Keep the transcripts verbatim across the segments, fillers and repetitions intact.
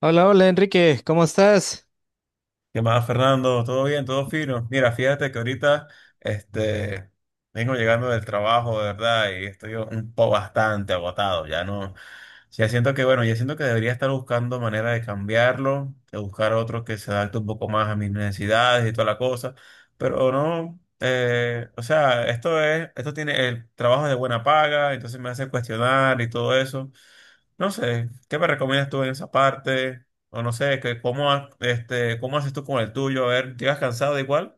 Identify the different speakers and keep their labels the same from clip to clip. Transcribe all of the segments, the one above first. Speaker 1: Hola, hola Enrique, ¿cómo estás?
Speaker 2: ¿Qué más, Fernando? ¿Todo bien? ¿Todo fino? Mira, fíjate que ahorita este, vengo llegando del trabajo, de verdad, y estoy un poco bastante agotado. Ya no, ya siento que, bueno, ya siento que debería estar buscando manera de cambiarlo, de buscar otro que se adapte un poco más a mis necesidades y toda la cosa, pero no, eh, o sea, esto es, esto tiene el trabajo de buena paga, entonces me hace cuestionar y todo eso. No sé, ¿qué me recomiendas tú en esa parte? O no sé, que cómo, ha- este, ¿cómo haces tú con el tuyo? A ver, ¿llegas cansado igual?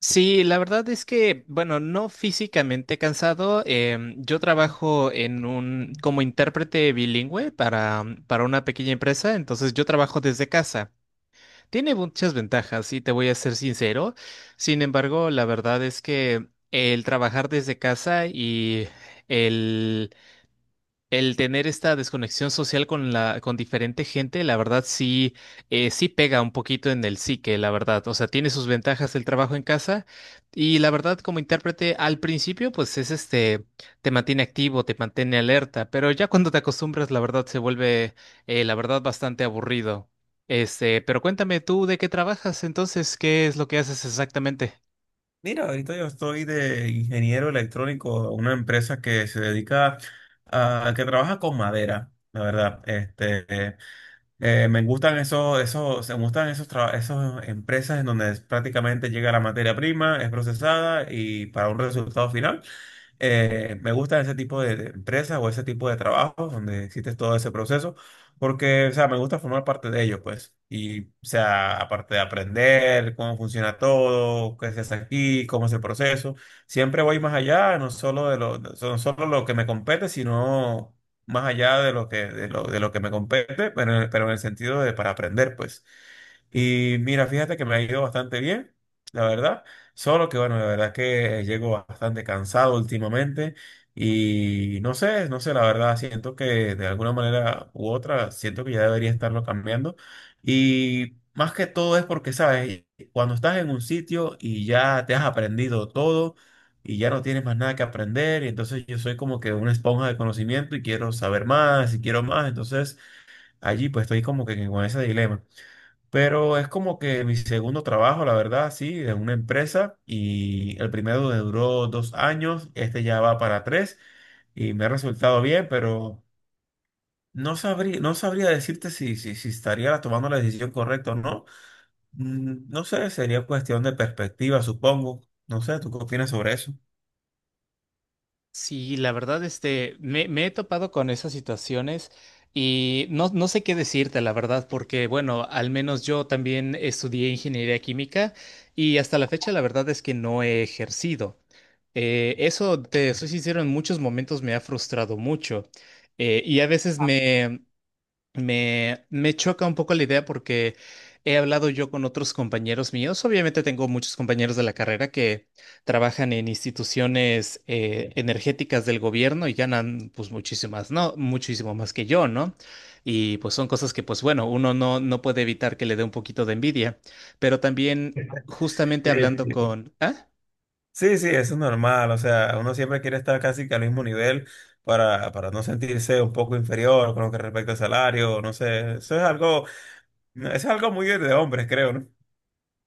Speaker 1: Sí, la verdad es que, bueno, no físicamente cansado. Em, yo trabajo en un, como intérprete bilingüe para, para una pequeña empresa, entonces yo trabajo desde casa. Tiene muchas ventajas, y te voy a ser sincero. Sin embargo, la verdad es que el trabajar desde casa y el El tener esta desconexión social con la, con diferente gente, la verdad sí, eh, sí pega un poquito en el psique, la verdad. O sea, tiene sus ventajas el trabajo en casa y la verdad como intérprete al principio, pues es este, te mantiene activo, te mantiene alerta, pero ya cuando te acostumbras, la verdad se vuelve, eh, la verdad, bastante aburrido. Este, pero cuéntame tú de qué trabajas entonces, ¿qué es lo que haces exactamente?
Speaker 2: Mira, ahorita yo estoy de ingeniero electrónico en una empresa que se dedica a, que trabaja con madera, la verdad. Este, eh, eh, me gustan esos, esos, me gustan esos, traba- esos empresas en donde es- prácticamente llega la materia prima, es procesada y para un resultado final. Eh, me gustan ese tipo de, de empresas o ese tipo de trabajos donde existe todo ese proceso, porque, o sea, me gusta formar parte de ellos, pues. Y, o sea, aparte de aprender cómo funciona todo, qué se hace aquí, cómo es el proceso, siempre voy más allá, no solo de lo, no solo lo que me compete, sino más allá de lo que, de lo, de lo que me compete, pero, en el- pero en el sentido de para aprender, pues. Y mira, fíjate que me ha ido bastante bien, la verdad. Solo que bueno, la verdad que llego bastante cansado últimamente y no sé, no sé, la verdad siento que de alguna manera u otra siento que ya debería estarlo cambiando. Y más que todo es porque, sabes, cuando estás en un sitio y ya te has aprendido todo y ya no tienes más nada que aprender, y entonces yo soy como que una esponja de conocimiento y quiero saber más y quiero más, entonces allí pues estoy como que con ese dilema. Pero es como que mi segundo trabajo, la verdad, sí, de una empresa. Y el primero me duró dos años, este ya va para tres y me ha resultado bien, pero no sabría, no sabría decirte si, si, si estaría tomando la decisión correcta o no. Mm, no sé, sería cuestión de perspectiva, supongo. No sé, ¿tú qué opinas sobre eso?
Speaker 1: Sí, la verdad, este, me, me he topado con esas situaciones y no, no sé qué decirte, la verdad, porque, bueno, al menos yo también estudié ingeniería química y hasta la fecha la verdad es que no he ejercido. Eh, eso, te soy sincero, en muchos momentos me ha frustrado mucho, eh, y a veces me, me, me choca un poco la idea porque he hablado yo con otros compañeros míos. Obviamente tengo muchos compañeros de la carrera que trabajan en instituciones, eh, energéticas del gobierno y ganan pues muchísimas, no, muchísimo más que yo, ¿no? Y pues son cosas que pues bueno, uno no, no puede evitar que le dé un poquito de envidia. Pero también justamente hablando
Speaker 2: Sí,
Speaker 1: con... ¿Ah?
Speaker 2: sí, sí, eso es normal. O sea, uno siempre quiere estar casi que al mismo nivel para, para no sentirse un poco inferior con lo que respecta al salario. No sé, eso es algo. No, eso es algo muy de hombres, creo, ¿no?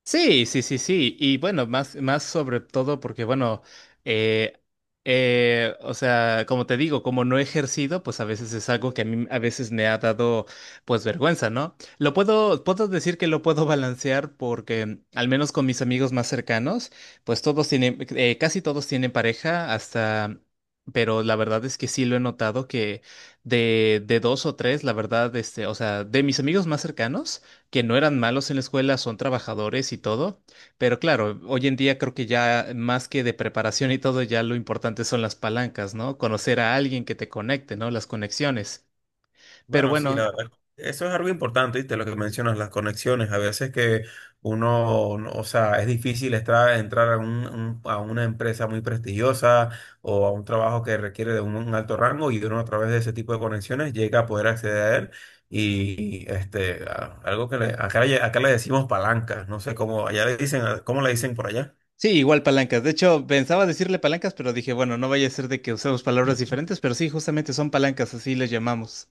Speaker 1: Sí, sí, sí, sí. Y bueno, más, más sobre todo porque, bueno, eh, eh, o sea, como te digo, como no he ejercido, pues a veces es algo que a mí a veces me ha dado, pues, vergüenza, ¿no? Lo puedo, puedo decir que lo puedo balancear porque, al menos con mis amigos más cercanos, pues todos tienen, eh, casi todos tienen pareja hasta... Pero la verdad es que sí lo he notado que de, de dos o tres, la verdad, este, o sea, de mis amigos más cercanos, que no eran malos en la escuela, son trabajadores y todo, pero claro, hoy en día creo que ya más que de preparación y todo, ya lo importante son las palancas, ¿no? Conocer a alguien que te conecte, ¿no? Las conexiones. Pero
Speaker 2: Bueno, sí, la
Speaker 1: bueno,
Speaker 2: verdad. Eso es algo importante, ¿viste? Lo que mencionas, las conexiones. A veces que uno, no- o sea, es difícil estar, entrar a, un- un- a una empresa muy prestigiosa o a un trabajo que requiere de un, un alto rango y uno a través de ese tipo de conexiones llega a poder acceder a él. Y este, a- algo que le- acá, le- acá le decimos palancas, no sé cómo, allá le dicen, ¿cómo le dicen por allá?
Speaker 1: sí, igual palancas. De hecho, pensaba decirle palancas, pero dije, bueno, no vaya a ser de que usemos palabras diferentes, pero sí, justamente son palancas, así les llamamos.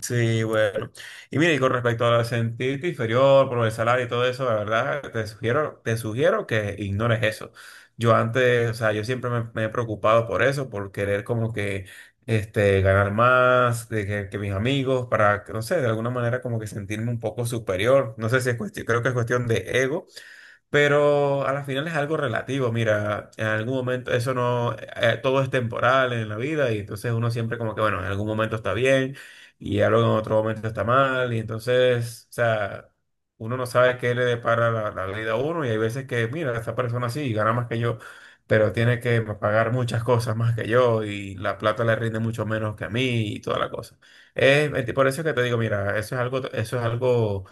Speaker 2: Sí, bueno. Y mira, y con respecto a sentirte inferior por el salario y todo eso, la verdad, te sugiero, te sugiero que ignores eso. Yo antes, o sea, yo siempre me, me he preocupado por eso, por querer como que este, ganar más de que, que mis amigos, para, que, no sé, de alguna manera como que sentirme un poco superior. No sé si es cuestión, creo que es cuestión de ego, pero a la final es algo relativo. Mira, en algún momento eso no, eh, todo es temporal en la vida y entonces uno siempre como que, bueno, en algún momento está bien y algo en otro momento está mal y entonces, o sea, uno no sabe qué le depara la, la vida a uno. Y hay veces que, mira, esta persona sí gana más que yo, pero tiene que pagar muchas cosas más que yo y la plata le rinde mucho menos que a mí y toda la cosa. Es, por eso es que te digo, mira, eso es algo, eso es algo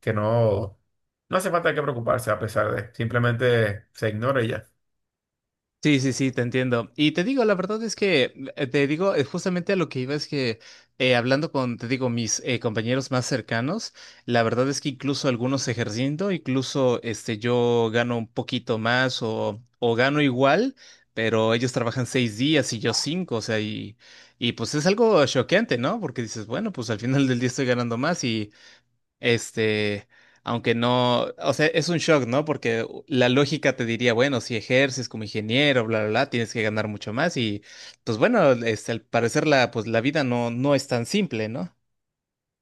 Speaker 2: que no, no hace falta que preocuparse. A pesar de, simplemente se ignora y ya.
Speaker 1: Sí, sí, sí, te entiendo. Y te digo, la verdad es que, eh, te digo, eh, justamente a lo que iba es que, eh, hablando con, te digo, mis eh, compañeros más cercanos, la verdad es que incluso algunos ejerciendo, incluso este, yo gano un poquito más o, o gano igual, pero ellos trabajan seis días y yo cinco, o sea, y, y pues es algo choqueante, ¿no? Porque dices, bueno, pues al final del día estoy ganando más este, aunque no, o sea, es un shock, ¿no? Porque la lógica te diría, bueno, si ejerces como ingeniero, bla, bla, bla, tienes que ganar mucho más y, pues bueno, este, al parecer la, pues la vida no, no es tan simple, ¿no?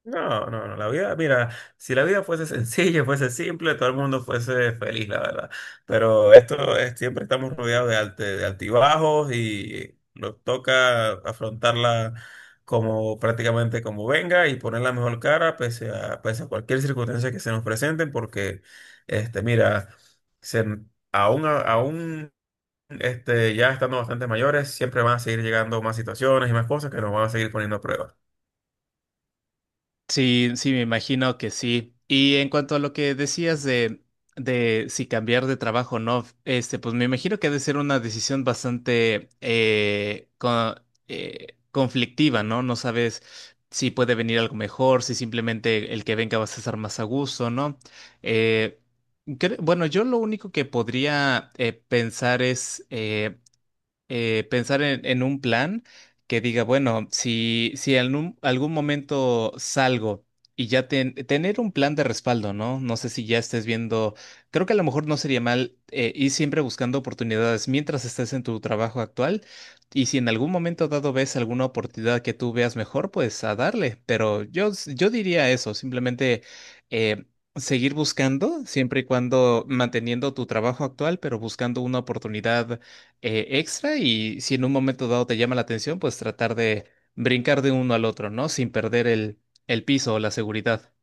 Speaker 2: No, no, no, la vida, mira, si la vida fuese sencilla, fuese simple, todo el mundo fuese feliz, la verdad. Pero esto es, siempre estamos rodeados de, alte- de altibajos y nos toca afrontarla como prácticamente como venga y poner la mejor cara pese a, pese a cualquier circunstancia que se nos presenten, porque, este, mira, se, aún, aún este, ya estando bastante mayores, siempre van a seguir llegando más situaciones y más cosas que nos van a seguir poniendo a prueba.
Speaker 1: Sí, sí, me imagino que sí. Y en cuanto a lo que decías de, de si cambiar de trabajo o no, este, pues me imagino que ha de ser una decisión bastante eh, co- eh, conflictiva, ¿no? No sabes si puede venir algo mejor, si simplemente el que venga vas a estar más a gusto, ¿no? Eh, cre- bueno, yo lo único que podría eh, pensar es eh, eh, pensar en, en un plan que diga, bueno, si, si en un- algún momento salgo y ya ten- tener un plan de respaldo, ¿no? No sé si ya estés viendo, creo que a lo mejor no sería mal, eh, ir siempre buscando oportunidades mientras estés en tu trabajo actual y si en algún momento dado ves alguna oportunidad que tú veas mejor, pues a darle, pero yo, s- yo diría eso, simplemente... eh, seguir buscando, siempre y cuando manteniendo tu trabajo actual, pero buscando una oportunidad eh, extra y si en un momento dado te llama la atención, pues tratar de brincar de uno al otro, ¿no? Sin perder el, el piso o la seguridad.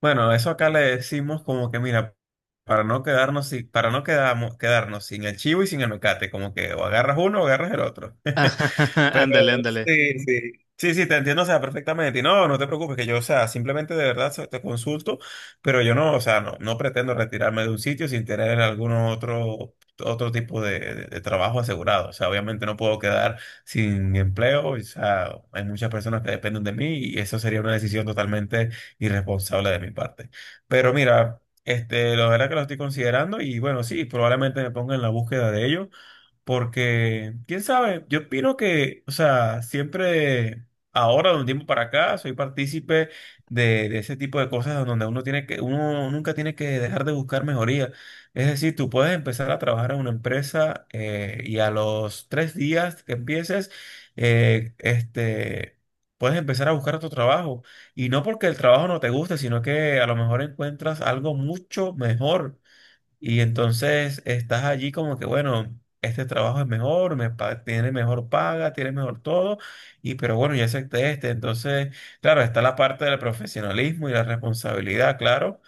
Speaker 2: Bueno, eso acá le decimos como que, mira, para no quedarnos sin, para no quedamo- quedarnos sin el chivo y sin el mecate, como que o agarras uno o agarras el otro.
Speaker 1: Ándale, ándale.
Speaker 2: Sí, sí. Sí, sí, te entiendo, o sea, perfectamente. Y no, no te preocupes, que yo, o sea, simplemente de verdad so- te consulto, pero yo no, o sea, no, no pretendo retirarme de un sitio sin tener algún otro, otro tipo de, de- de trabajo asegurado. O sea, obviamente no puedo quedar sin empleo, o sea, hay muchas personas que dependen de mí y eso sería una decisión totalmente irresponsable de mi parte. Pero mira, este, la verdad que lo estoy considerando y bueno, sí, probablemente me ponga en la búsqueda de ello. Porque, quién sabe, yo opino que, o sea, siempre, ahora de un tiempo para acá, soy partícipe de, de ese tipo de cosas donde uno tiene que, uno nunca tiene que dejar de buscar mejoría. Es decir, tú puedes empezar a trabajar en una empresa eh, y a los tres días que empieces, eh, este, puedes empezar a buscar otro trabajo. Y no porque el trabajo no te guste, sino que a lo mejor encuentras algo mucho mejor. Y entonces estás allí como que, bueno, este trabajo es mejor, me pa- tiene mejor paga, tiene mejor todo, y pero bueno, ya acepté este. Entonces, claro, está la parte del profesionalismo y la responsabilidad, claro,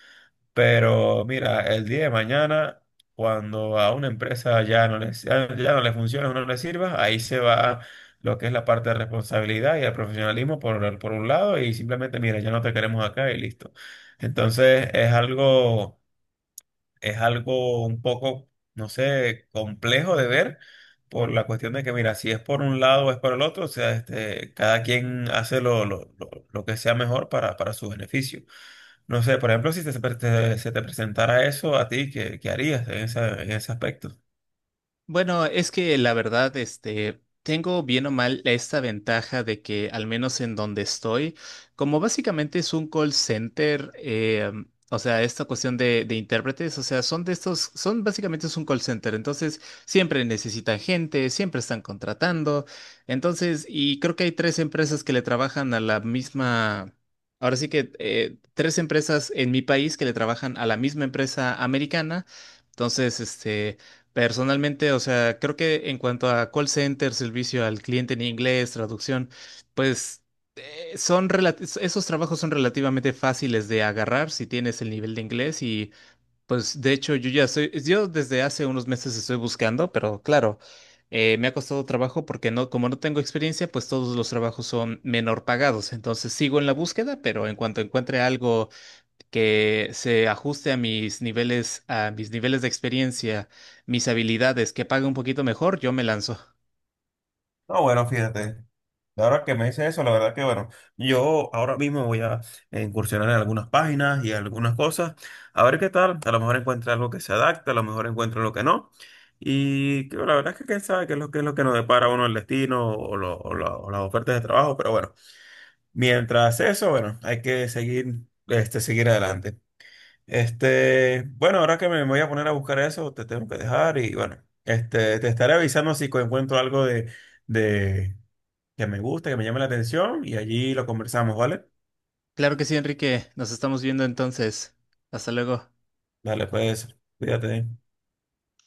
Speaker 2: pero mira, el día de mañana, cuando a una empresa ya no le, ya no le funciona o no le sirva, ahí se va lo que es la parte de responsabilidad y el profesionalismo por, por un lado, y simplemente, mira, ya no te queremos acá y listo. Entonces, es algo, es algo un poco, no sé, complejo de ver por la cuestión de que, mira, si es por un lado o es por el otro, o sea, este, cada quien hace lo, lo- lo- lo que sea mejor para, para su beneficio. No sé, por ejemplo, si te- se pre- te- se te presentara eso a ti, ¿qué, qué harías en esa- en ese aspecto?
Speaker 1: Bueno, es que la verdad, este, tengo bien o mal esta ventaja de que al menos en donde estoy, como básicamente es un call center, eh, o sea, esta cuestión de, de intérpretes, o sea, son de estos, son básicamente es un call center, entonces siempre necesitan gente, siempre están contratando, entonces, y creo que hay tres empresas que le trabajan a la misma... Ahora sí que eh, tres empresas en mi país que le trabajan a la misma empresa americana. Entonces, este, personalmente, o sea, creo que en cuanto a call center, servicio al cliente en inglés, traducción, pues eh, son relati- esos trabajos son relativamente fáciles de agarrar si tienes el nivel de inglés y pues de hecho yo ya estoy, yo desde hace unos meses estoy buscando, pero claro, eh, me ha costado trabajo porque no, como no tengo experiencia, pues todos los trabajos son menor pagados, entonces sigo en la búsqueda, pero en cuanto encuentre algo que se ajuste a mis niveles, a mis niveles de experiencia, mis habilidades, que pague un poquito mejor, yo me lanzo.
Speaker 2: No, bueno, fíjate. Ahora que me dice eso, la verdad que bueno, yo ahora mismo voy a eh, incursionar en algunas páginas y algunas cosas, a ver qué tal, a lo mejor encuentro algo que se adapte, a lo mejor encuentro lo que no, y que la verdad es que quién sabe qué es lo que es lo que nos depara a uno el destino o, lo- o la- o las ofertas de trabajo, pero bueno, mientras eso, bueno, hay que seguir, este, seguir adelante. Este, bueno, ahora que me voy a poner a buscar eso, te tengo que dejar y bueno, este, te estaré avisando si encuentro algo de de- que me guste, que me llame la atención y allí lo conversamos, ¿vale?
Speaker 1: Claro que sí, Enrique. Nos estamos viendo entonces. Hasta luego.
Speaker 2: Dale, pues, cuídate.